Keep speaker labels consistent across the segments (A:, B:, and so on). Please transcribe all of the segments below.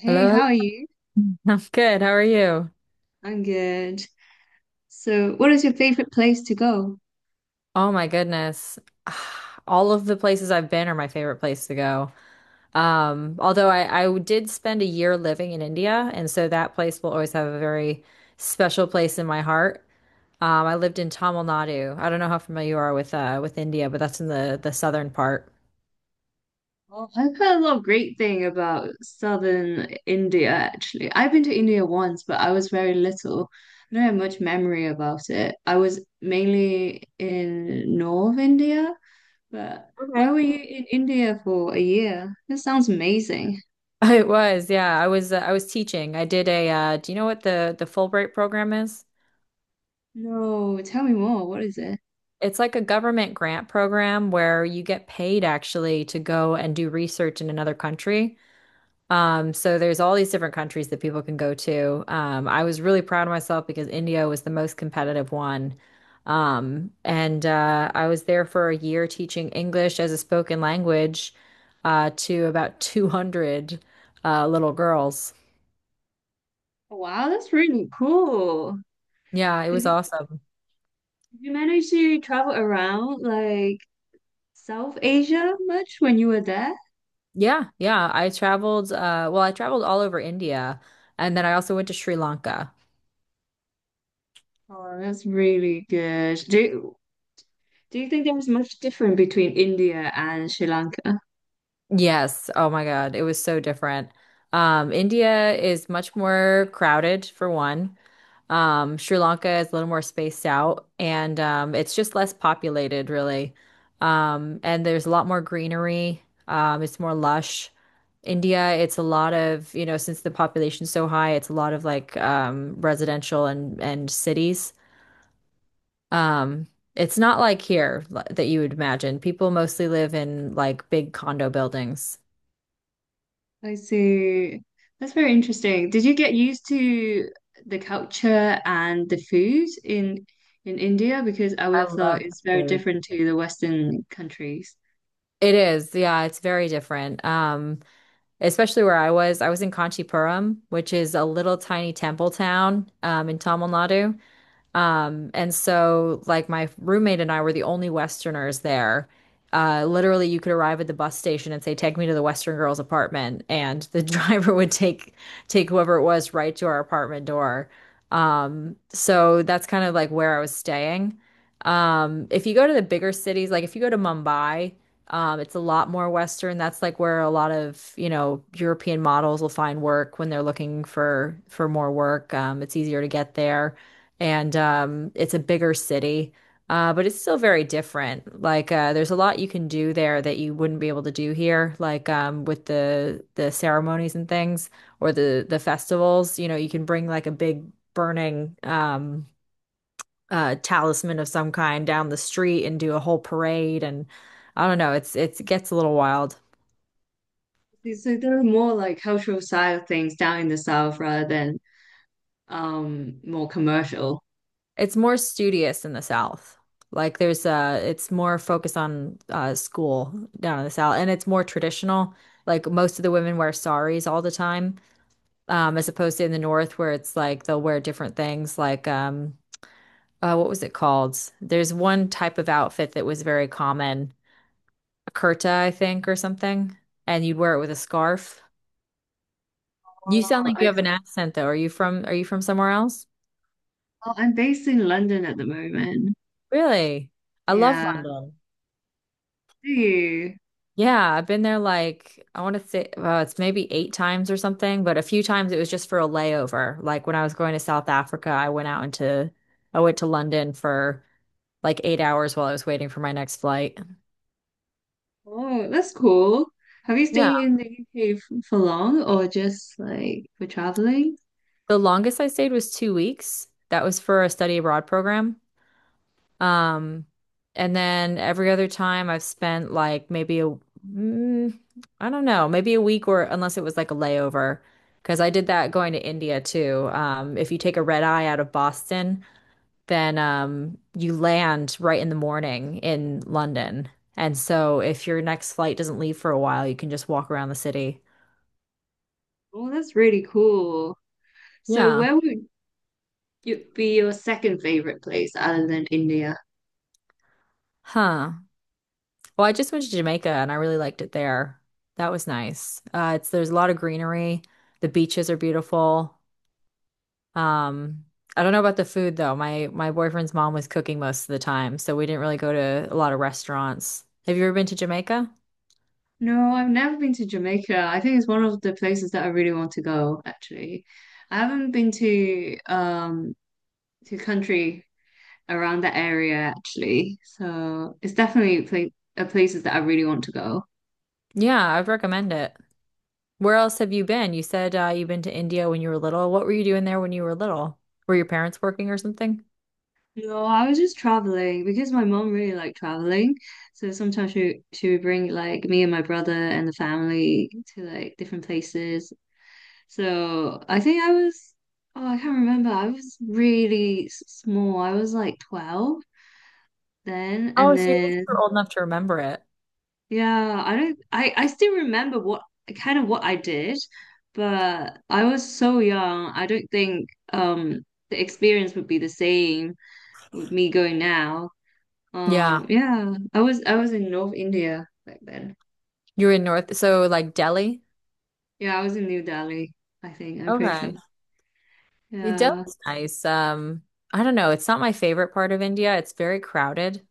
A: Hey,
B: Hello, hello.
A: how are you?
B: I'm good. How are you?
A: I'm good. So, what is your favorite place to go?
B: Oh my goodness. All of the places I've been are my favorite place to go. Although I did spend a year living in India, and so that place will always have a very special place in my heart. I lived in Tamil Nadu. I don't know how familiar you are with India, but that's in the southern part.
A: Oh, I've heard a lot of great thing about southern India, actually. I've been to India once, but I was very little. I don't have much memory about it. I was mainly in North India, but why
B: Okay.
A: were you in India for a year? This sounds amazing.
B: It was, yeah. I was teaching. I did a do you know what the Fulbright program is?
A: No, tell me more. What is it?
B: It's like a government grant program where you get paid actually to go and do research in another country. So there's all these different countries that people can go to. I was really proud of myself because India was the most competitive one. And I was there for a year teaching English as a spoken language to about 200 little girls.
A: Wow, that's really cool.
B: Yeah, it
A: Did
B: was
A: you
B: awesome.
A: did you manage to travel around? Like South Asia much when you were there?
B: Yeah, yeah. I traveled, well, I traveled all over India and then I also went to Sri Lanka.
A: Oh, that's really good. Do you think there was much different between India and Sri Lanka?
B: Yes. Oh my God. It was so different. India is much more crowded for one. Sri Lanka is a little more spaced out and it's just less populated, really. And there's a lot more greenery. It's more lush. India, it's a lot of, you know, since the population's so high, it's a lot of like residential and cities. Um, it's not like here that you would imagine. People mostly live in like big condo buildings.
A: I see. That's very interesting. Did you get used to the culture and the food in India? Because I would
B: I
A: have thought
B: love Thai
A: it's very
B: food.
A: different to the Western countries.
B: It is, yeah, it's very different. Especially where I was. I was in Kanchipuram, which is a little tiny temple town in Tamil Nadu. And so, like, my roommate and I were the only Westerners there. Literally, you could arrive at the bus station and say, "Take me to the Western girl's apartment," and the driver would take whoever it was right to our apartment door. So that's kind of like where I was staying. If you go to the bigger cities, like if you go to Mumbai, it's a lot more Western. That's like where a lot of, you know, European models will find work when they're looking for more work. It's easier to get there and it's a bigger city, but it's still very different. Like there's a lot you can do there that you wouldn't be able to do here, like with the ceremonies and things or the festivals. You know, you can bring like a big burning talisman of some kind down the street and do a whole parade, and I don't know, it gets a little wild.
A: So there are more like cultural side of things down in the south rather than more commercial.
B: It's more studious in the South. Like there's it's more focused on school down in the South and it's more traditional. Like most of the women wear saris all the time, as opposed to in the North where it's like they'll wear different things like what was it called? There's one type of outfit that was very common, a kurta, I think, or something, and you'd wear it with a scarf. You
A: Oh,
B: sound like you
A: I,
B: have an accent though. Are you from somewhere else?
A: oh, I'm based in London at the moment.
B: Really? I love
A: Yeah.
B: London.
A: Do you?
B: Yeah, I've been there like I want to say it's maybe eight times or something, but a few times it was just for a layover. Like when I was going to South Africa, I went to London for like 8 hours while I was waiting for my next flight.
A: Oh, that's cool. Have you
B: Yeah,
A: stayed in the UK for long or just like for traveling?
B: the longest I stayed was 2 weeks. That was for a study abroad program. Um, and then every other time I've spent like maybe a, mm, I don't know, maybe a week or unless it was like a layover, because I did that going to India too. If you take a red eye out of Boston, then you land right in the morning in London. And so if your next flight doesn't leave for a while, you can just walk around the city.
A: Oh, that's really cool. So
B: Yeah.
A: where would you be your second favorite place other than India?
B: Huh. Well, I just went to Jamaica and I really liked it there. That was nice. It's there's a lot of greenery. The beaches are beautiful. Um, I don't know about the food though. My boyfriend's mom was cooking most of the time, so we didn't really go to a lot of restaurants. Have you ever been to Jamaica?
A: No, I've never been to Jamaica. I think it's one of the places that I really want to go, actually. I haven't been to country around that area actually. So it's definitely pla a places that I really want to go.
B: Yeah, I'd recommend it. Where else have you been? You said you've been to India when you were little. What were you doing there when you were little? Were your parents working or something?
A: No, I was just traveling because my mom really liked traveling. So sometimes she would bring like me and my brother and the family to like different places. So I can't remember. I was really small. I was like 12 then and
B: Oh, so at least you're
A: then
B: old enough to remember it.
A: yeah, I don't I still remember what kind of what I did, but I was so young. I don't think um the experience would be the same with me going now.
B: Yeah,
A: Yeah, I was in North India back then.
B: you were in North, so like Delhi.
A: Yeah, I was in New Delhi, I think. I'm pretty sure.
B: Okay. Yeah,
A: Yeah.
B: Delhi's nice. I don't know. It's not my favorite part of India. It's very crowded.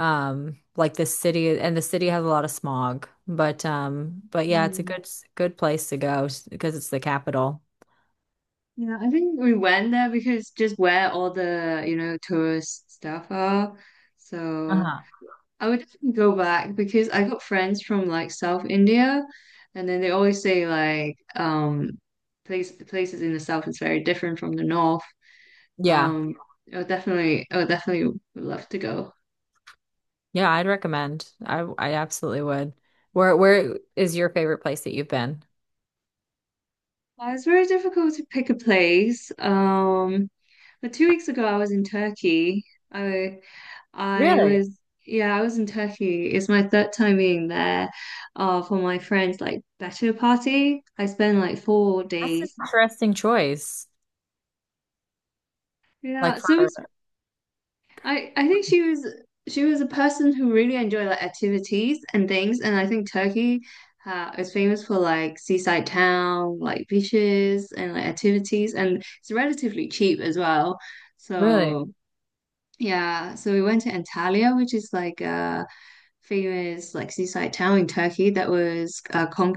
B: Um, like the city, and the city has a lot of smog, but yeah, it's a
A: Mm.
B: good place to go because it's the capital.
A: Yeah, I think we went there because just where all the, you know, tourist stuff are. So
B: Uh-huh.
A: I would definitely go back because I got friends from like South India and then they always say places in the south is very different from the north.
B: Yeah,
A: Um, I would definitely would love to go.
B: yeah I'd recommend. I absolutely would. Where is your favorite place that you've been?
A: Well, it's very difficult to pick a place. But 2 weeks ago, I was in Turkey. I I
B: Really?
A: was Yeah, I was in Turkey. It's my third time being there, for my friend's like better party. I spent like four
B: That's an
A: days.
B: interesting choice.
A: Yeah,
B: Like for
A: so we I think she was a person who really enjoyed like activities and things, and I think Turkey is famous for like seaside town, like beaches and like activities, and it's relatively cheap as well.
B: really.
A: So yeah, so we went to Antalya, which is like a famous like seaside town in Turkey that was uh, con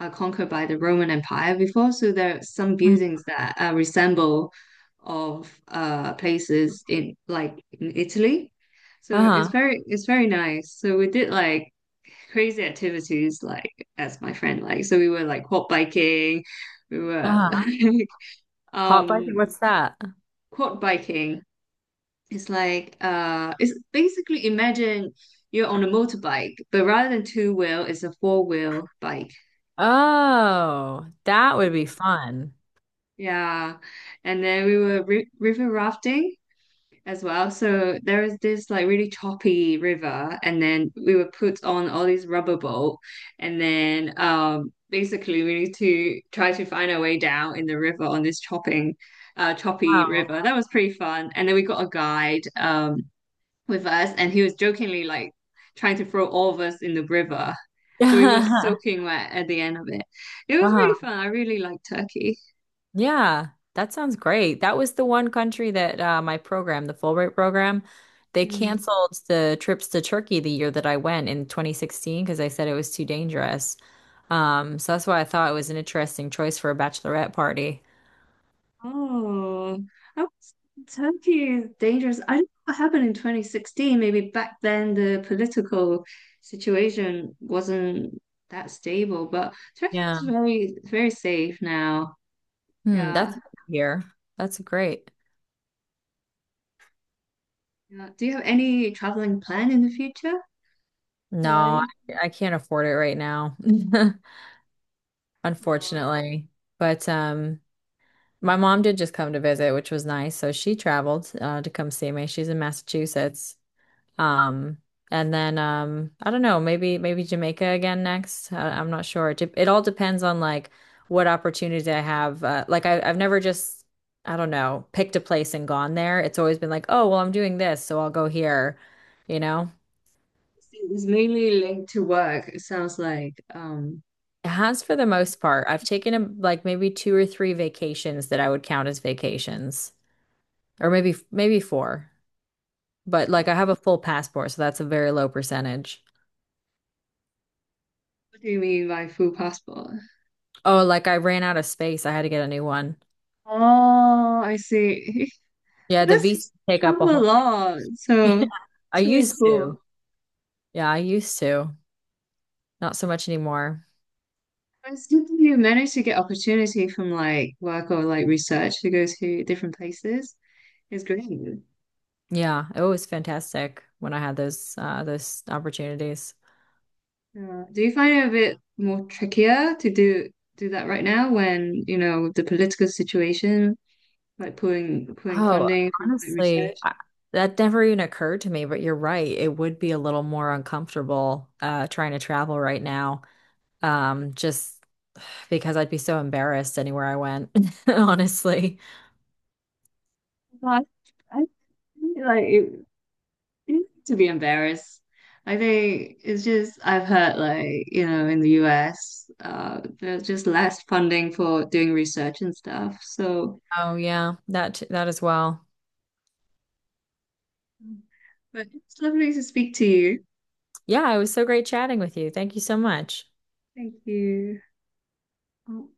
A: uh, conquered by the Roman Empire before. So there are some
B: Mm.
A: buildings that resemble of places in in Italy. So it's
B: Uh-huh.
A: very it's very nice. So we did like crazy activities like as my friend like. So we were like quad biking. We were
B: Uh-huh.
A: like
B: Hot biking.
A: um
B: What's that?
A: quad biking. It's basically imagine you're on a motorbike, but rather than two wheel, it's a four-wheel bike.
B: Oh, that would be
A: Yeah.
B: fun.
A: Yeah. And then we were ri river rafting as well. So there is this like really choppy river, and then we were put on all these rubber boat, and then basically we need to try to find our way down in the river on this chopping choppy
B: Wow.
A: river. That was pretty fun. And then we got a guide with us, and he was jokingly like trying to throw all of us in the river. So we were
B: Uh-huh.
A: soaking wet at the end of it. It was really fun. I really liked Turkey.
B: Yeah, that sounds great. That was the one country that my program, the Fulbright program, they canceled the trips to Turkey the year that I went in 2016 because they said it was too dangerous. So that's why I thought it was an interesting choice for a bachelorette party.
A: Oh, I was Tokyo is dangerous. I don't know what happened in 2016. Maybe back then the political situation wasn't that stable, but Turkey is
B: Yeah.
A: very, very safe now.
B: Hmm,
A: Yeah.
B: that's here. That's great.
A: Yeah. Do you have any traveling plan in the future? Or
B: No,
A: like,
B: I can't afford it right now,
A: uh,
B: unfortunately. But my mom did just come to visit, which was nice. So she traveled to come see me. She's in Massachusetts. Um, and then I don't know, maybe Jamaica again next. I'm not sure. It all depends on like what opportunity I have. I've never just I don't know picked a place and gone there. It's always been like, oh well, I'm doing this, so I'll go here. You know,
A: it's mainly linked to work, it sounds like.
B: it has for the most part. I've taken a, like maybe two or three vacations that I would count as vacations, or maybe four. But like I have a full passport, so that's a very low percentage.
A: What do you mean by full passport?
B: Oh, like I ran out of space. I had to get a new one.
A: Oh, I see.
B: Yeah, the VC
A: This
B: take up a
A: travel a
B: whole.
A: lot, so
B: I
A: it's really
B: used
A: cool.
B: to. Yeah, I used to. Not so much anymore.
A: But it's good that you manage to get opportunity from like work or like research to go to different places. It's great.
B: Yeah, it was fantastic when I had those those opportunities.
A: Do you find it a bit more trickier to do that right now when, you know, the political situation, like pulling
B: Oh,
A: funding from like research?
B: honestly, that never even occurred to me, but you're right. It would be a little more uncomfortable trying to travel right now. Just because I'd be so embarrassed anywhere I went, honestly.
A: But I think, it to be embarrassed. I think it's just I've heard like, you know, in the US, there's just less funding for doing research and stuff. So
B: Oh yeah, that as well.
A: but it's lovely to speak to you.
B: Yeah, it was so great chatting with you. Thank you so much.
A: Thank you. Oh,